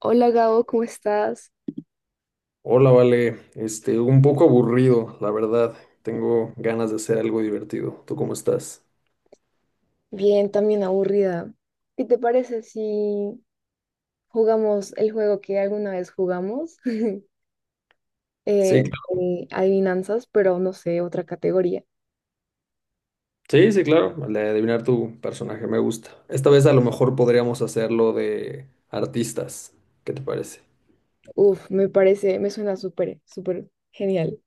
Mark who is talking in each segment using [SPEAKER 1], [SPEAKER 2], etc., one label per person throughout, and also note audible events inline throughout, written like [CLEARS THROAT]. [SPEAKER 1] Hola Gabo, ¿cómo estás?
[SPEAKER 2] Hola, Vale. Un poco aburrido, la verdad. Tengo ganas de hacer algo divertido. ¿Tú cómo estás?
[SPEAKER 1] Bien, también aburrida. ¿Qué te parece si jugamos el juego que alguna vez jugamos? [LAUGHS]
[SPEAKER 2] Sí, cl-
[SPEAKER 1] De adivinanzas, pero no sé, otra categoría.
[SPEAKER 2] sí, claro. El de adivinar tu personaje me gusta. Esta vez a lo mejor podríamos hacerlo de artistas. ¿Qué te parece?
[SPEAKER 1] Uf, me parece, me suena súper, súper genial.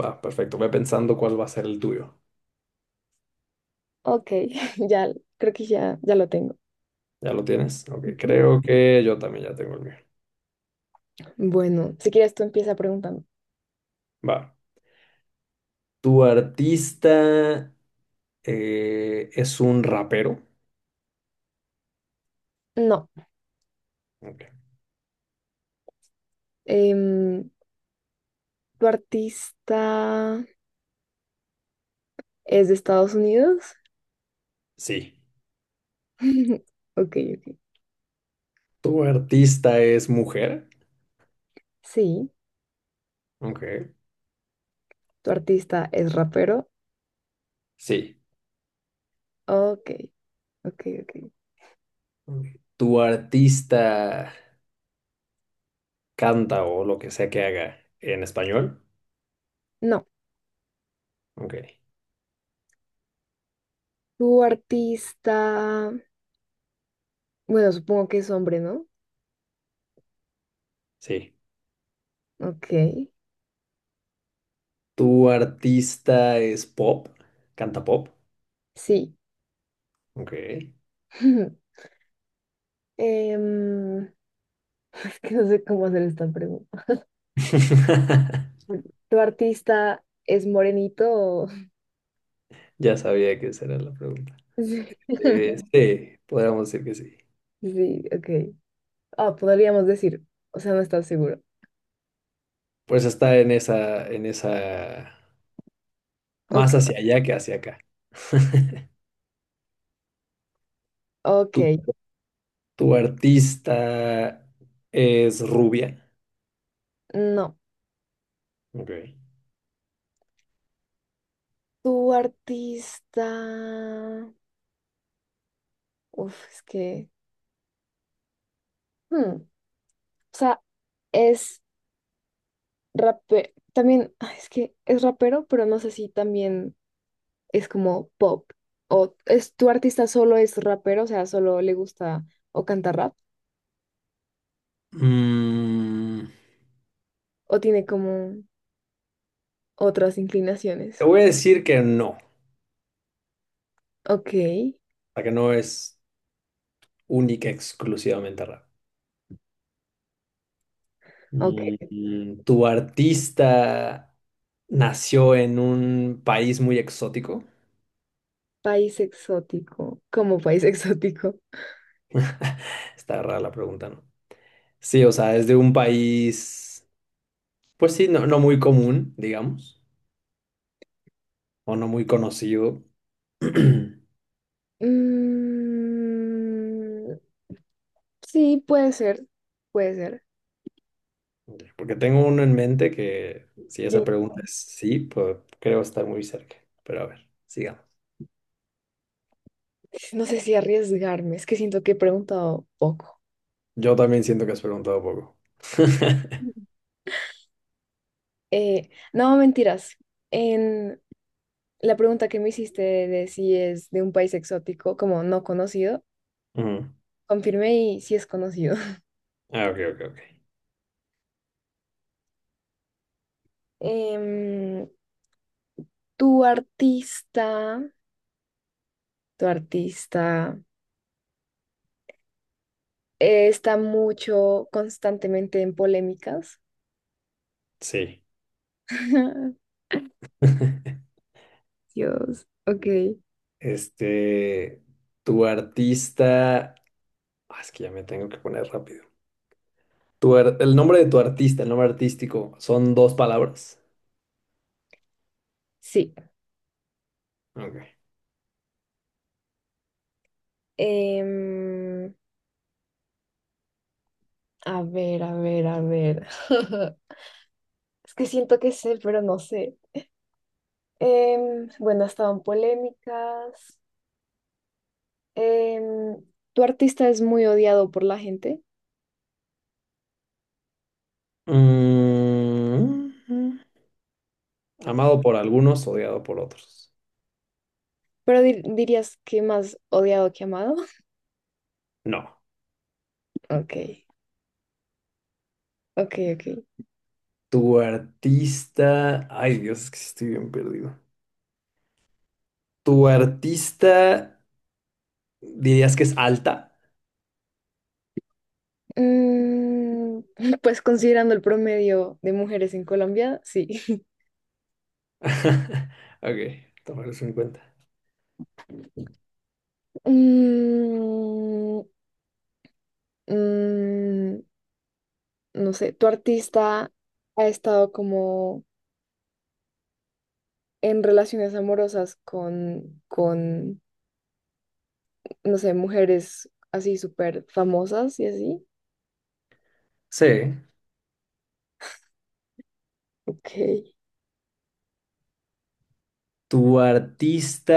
[SPEAKER 2] Va, perfecto. Ve pensando cuál va a ser el tuyo.
[SPEAKER 1] Ok, [LAUGHS] ya, creo que ya, ya lo tengo.
[SPEAKER 2] ¿Ya lo tienes? Ok,
[SPEAKER 1] Ujú.
[SPEAKER 2] creo que yo también ya tengo el mío.
[SPEAKER 1] Bueno, si quieres tú empieza preguntando.
[SPEAKER 2] Va. ¿Tu artista es un rapero?
[SPEAKER 1] No,
[SPEAKER 2] Ok.
[SPEAKER 1] em, ¿tu artista es de Estados Unidos?
[SPEAKER 2] Sí.
[SPEAKER 1] [LAUGHS] Ok, ok.
[SPEAKER 2] ¿Tu artista es mujer?
[SPEAKER 1] Sí,
[SPEAKER 2] Ok.
[SPEAKER 1] ¿tu artista es rapero?
[SPEAKER 2] Sí.
[SPEAKER 1] Ok, ok, ok.
[SPEAKER 2] ¿Tu artista canta o lo que sea que haga en español?
[SPEAKER 1] No,
[SPEAKER 2] Ok,
[SPEAKER 1] tu artista, bueno, supongo que es hombre, ¿no?
[SPEAKER 2] sí.
[SPEAKER 1] Ok,
[SPEAKER 2] ¿Tu artista es pop? ¿Canta pop?
[SPEAKER 1] sí.
[SPEAKER 2] Ok.
[SPEAKER 1] [LAUGHS] Em, [LAUGHS] es que no sé cómo hacer esta pregunta.
[SPEAKER 2] [LAUGHS]
[SPEAKER 1] Bueno, ¿tu artista es morenito?
[SPEAKER 2] Ya sabía que esa era la pregunta.
[SPEAKER 1] [LAUGHS] Sí, [LAUGHS]
[SPEAKER 2] Sí, podríamos decir que sí.
[SPEAKER 1] sí, ok. Ah, podríamos decir, o sea, no estás seguro.
[SPEAKER 2] Pues está en esa,
[SPEAKER 1] Ok,
[SPEAKER 2] más hacia allá que hacia acá. [LAUGHS]
[SPEAKER 1] ok,
[SPEAKER 2] ¿Tu, ¿tu artista es rubia?
[SPEAKER 1] no.
[SPEAKER 2] Ok.
[SPEAKER 1] Tu artista, uf, es que, o sea, es también, ah, es que es rapero, pero no sé si también es como pop. O es tu artista solo es rapero, o sea, solo le gusta o canta rap,
[SPEAKER 2] Mm,
[SPEAKER 1] o tiene como otras
[SPEAKER 2] te
[SPEAKER 1] inclinaciones.
[SPEAKER 2] voy a decir que no.
[SPEAKER 1] Ok,
[SPEAKER 2] Sea, que no es única, exclusivamente rap.
[SPEAKER 1] ok.
[SPEAKER 2] ¿Tu artista nació en un país muy exótico?
[SPEAKER 1] ¿País exótico? ¿Como país [LAUGHS] exótico?
[SPEAKER 2] Está rara la pregunta, ¿no? Sí, o sea, es de un país, pues sí, no, no muy común, digamos, o no muy conocido. [CLEARS THROAT]
[SPEAKER 1] Mm, sí, puede ser, puede ser.
[SPEAKER 2] Porque tengo uno en mente que, si esa
[SPEAKER 1] Yo
[SPEAKER 2] pregunta es sí, pues creo estar muy cerca. Pero a ver, sigamos.
[SPEAKER 1] no sé si arriesgarme, es que siento que he preguntado poco.
[SPEAKER 2] Yo también siento que has preguntado poco. [LAUGHS]
[SPEAKER 1] No, mentiras. En la pregunta que me hiciste de si es de un país exótico, como no conocido,
[SPEAKER 2] Ujú.
[SPEAKER 1] confirmé y sí es conocido. [LAUGHS]
[SPEAKER 2] Ah, ok, ok, ok.
[SPEAKER 1] Em, tu artista, tu artista está mucho constantemente en polémicas.
[SPEAKER 2] Sí.
[SPEAKER 1] [LAUGHS]
[SPEAKER 2] [LAUGHS]
[SPEAKER 1] Dios, ok.
[SPEAKER 2] Este, tu artista, ah, es que ya me tengo que poner rápido. El nombre de tu artista, el nombre artístico, son 2 palabras.
[SPEAKER 1] Sí.
[SPEAKER 2] Ok.
[SPEAKER 1] Em, a ver, a ver, a ver. [LAUGHS] Es que siento que sé, pero no sé. Bueno, estaban polémicas. Em, tu artista es muy odiado por la gente,
[SPEAKER 2] Mm, amado por algunos, odiado por otros.
[SPEAKER 1] pero dirías que más odiado que amado. [LAUGHS]
[SPEAKER 2] No.
[SPEAKER 1] Ok, ok, ok.
[SPEAKER 2] Tu artista, ay Dios, es que sí estoy bien perdido. Tu artista, dirías que es alta.
[SPEAKER 1] Mm, [LAUGHS] pues considerando el promedio de mujeres en Colombia, sí. [LAUGHS]
[SPEAKER 2] [LAUGHS] Ok, tomaré eso en cuenta.
[SPEAKER 1] Mm, mm, no sé, tu artista ha estado como en relaciones amorosas con, no sé, mujeres así súper famosas y así.
[SPEAKER 2] Sí.
[SPEAKER 1] Ok.
[SPEAKER 2] Tu artista.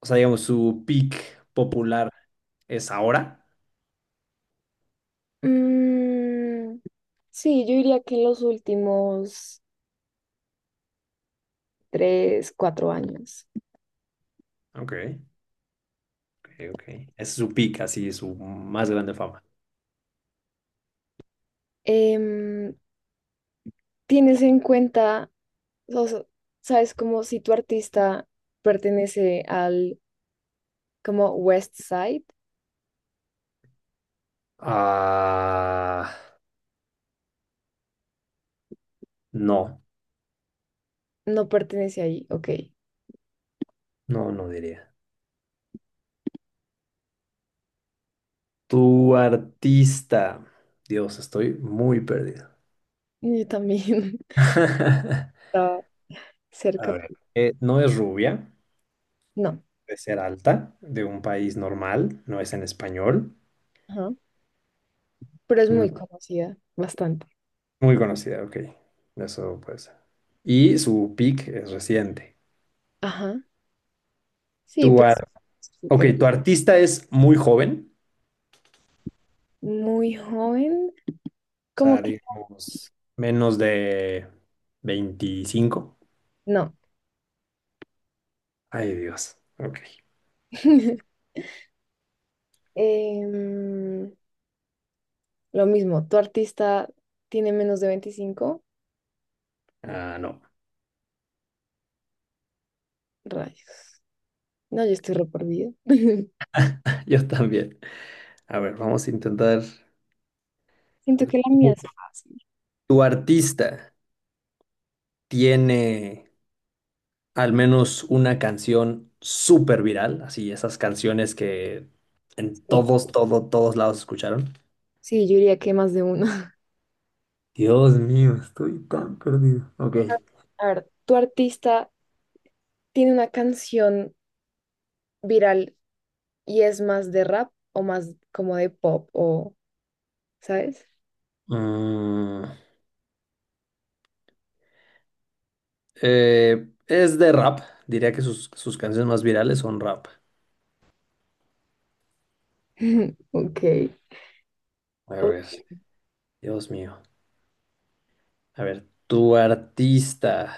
[SPEAKER 2] O sea, digamos, su peak popular es ahora.
[SPEAKER 1] Mm, sí, yo diría que en los últimos 3, 4 años.
[SPEAKER 2] Ok, ok, ok. Es su peak, así, su más grande fama.
[SPEAKER 1] Em, tienes en cuenta, o sea, sabes como si tu artista pertenece al como West Side,
[SPEAKER 2] Ah, no,
[SPEAKER 1] no pertenece ahí, ok.
[SPEAKER 2] no diría. Tu artista. Dios, estoy muy perdido.
[SPEAKER 1] Yo también
[SPEAKER 2] [LAUGHS] A
[SPEAKER 1] [LAUGHS] estaba cerca,
[SPEAKER 2] ver. No es rubia,
[SPEAKER 1] no,
[SPEAKER 2] de ser alta, de un país normal, no es en español.
[SPEAKER 1] ajá, pero es
[SPEAKER 2] Mm,
[SPEAKER 1] muy conocida, bastante.
[SPEAKER 2] Muy conocida, ok. Eso puede ser. Y su peak es reciente.
[SPEAKER 1] Ajá. Sí,
[SPEAKER 2] Tu
[SPEAKER 1] pues
[SPEAKER 2] ar-
[SPEAKER 1] sí,
[SPEAKER 2] ok, tu artista es muy joven.
[SPEAKER 1] muy joven,
[SPEAKER 2] O
[SPEAKER 1] como
[SPEAKER 2] sea,
[SPEAKER 1] que
[SPEAKER 2] digamos, menos de 25.
[SPEAKER 1] no.
[SPEAKER 2] Ay, Dios. Ok.
[SPEAKER 1] [LAUGHS] Em, lo mismo, tu artista tiene menos de 25
[SPEAKER 2] Ah, no.
[SPEAKER 1] rayos. No, yo estoy re perdida. [LAUGHS]
[SPEAKER 2] [LAUGHS] Yo también. A ver, vamos a intentar. A
[SPEAKER 1] Siento
[SPEAKER 2] ver,
[SPEAKER 1] que la mía es
[SPEAKER 2] ¿tu,
[SPEAKER 1] fácil.
[SPEAKER 2] ¿tu artista tiene al menos una canción súper viral? Así, esas canciones que en
[SPEAKER 1] Sí,
[SPEAKER 2] todos lados escucharon.
[SPEAKER 1] sí, yo diría que más de uno.
[SPEAKER 2] Dios mío, estoy tan perdido. Ok.
[SPEAKER 1] [LAUGHS] A ver, ¿tu artista tiene una canción viral y es más de rap o más como de pop o, ¿sabes?
[SPEAKER 2] Mm, es de rap. Diría que sus canciones más virales son rap.
[SPEAKER 1] [LAUGHS] Ok.
[SPEAKER 2] A
[SPEAKER 1] Oh,
[SPEAKER 2] ver. Dios mío. A ver, tu artista.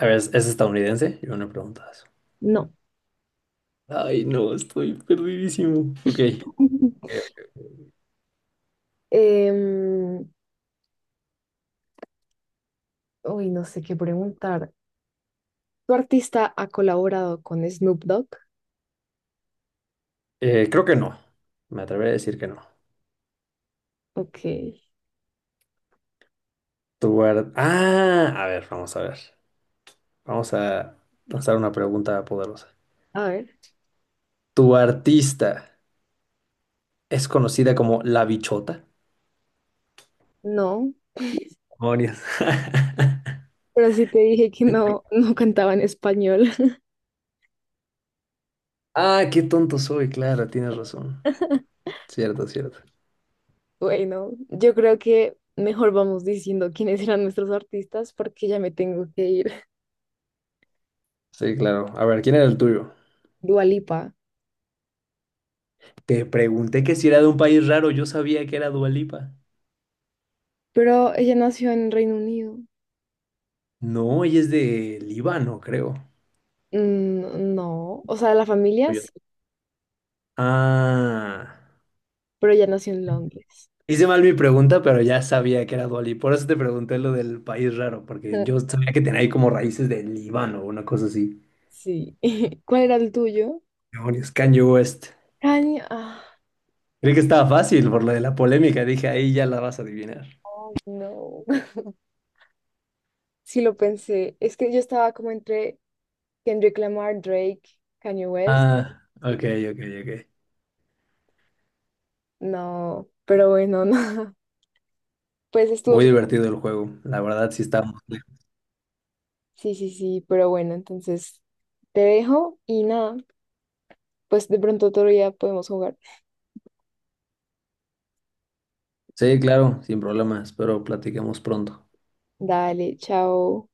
[SPEAKER 2] A ver, ¿es estadounidense? Yo no he preguntado eso.
[SPEAKER 1] no.
[SPEAKER 2] Ay, no, estoy perdidísimo. Ok.
[SPEAKER 1] [LAUGHS] Em, uy, no sé qué preguntar. ¿Tu artista ha colaborado con Snoop Dogg?
[SPEAKER 2] Creo que no. Me atreveré a decir que no.
[SPEAKER 1] Ok.
[SPEAKER 2] Ah, a ver, vamos a ver. Vamos a lanzar una pregunta poderosa.
[SPEAKER 1] A ver,
[SPEAKER 2] ¿Tu artista es conocida como La Bichota?
[SPEAKER 1] no.
[SPEAKER 2] Demonios. [LAUGHS]
[SPEAKER 1] Pero sí te dije que no, no cantaba en español.
[SPEAKER 2] Ah, qué tonto soy, claro, tienes razón.
[SPEAKER 1] [LAUGHS]
[SPEAKER 2] Cierto, cierto.
[SPEAKER 1] Bueno, yo creo que mejor vamos diciendo quiénes eran nuestros artistas porque ya me tengo que ir.
[SPEAKER 2] Sí, claro. A ver, ¿quién era el tuyo?
[SPEAKER 1] [LAUGHS] Dua Lipa.
[SPEAKER 2] Te pregunté que si era de un país raro, yo sabía que era Dua Lipa.
[SPEAKER 1] Pero ella nació en Reino Unido.
[SPEAKER 2] No, ella es de Líbano, creo.
[SPEAKER 1] Mm, no, o sea, la familia
[SPEAKER 2] Oye.
[SPEAKER 1] sí,
[SPEAKER 2] Ah.
[SPEAKER 1] pero ella nació en Londres.
[SPEAKER 2] Hice mal mi pregunta, pero ya sabía que era Dua Lipa. Por eso te pregunté lo del país raro, porque yo
[SPEAKER 1] [LAUGHS]
[SPEAKER 2] sabía que tenía ahí como raíces de Líbano o una cosa así.
[SPEAKER 1] Sí. [LAUGHS] ¿Cuál era el tuyo?
[SPEAKER 2] Demonios, Kanye West.
[SPEAKER 1] Kanye. Ah,
[SPEAKER 2] Creí que estaba fácil por lo de la polémica. Dije, ahí ya la vas a adivinar.
[SPEAKER 1] no. [LAUGHS] Sí lo pensé. Es que yo estaba como entre Kendrick Lamar, Drake, Kanye West.
[SPEAKER 2] Ah, ok, ok, ok.
[SPEAKER 1] No, pero bueno, [LAUGHS] no. Pues estuvo
[SPEAKER 2] Muy
[SPEAKER 1] súper.
[SPEAKER 2] divertido el juego. La verdad, sí estamos.
[SPEAKER 1] Sí, sí, sí, pero bueno, entonces te dejo y nada, pues de pronto otro día podemos jugar.
[SPEAKER 2] Sí, claro, sin problemas. Espero platiquemos pronto.
[SPEAKER 1] Dale, chao.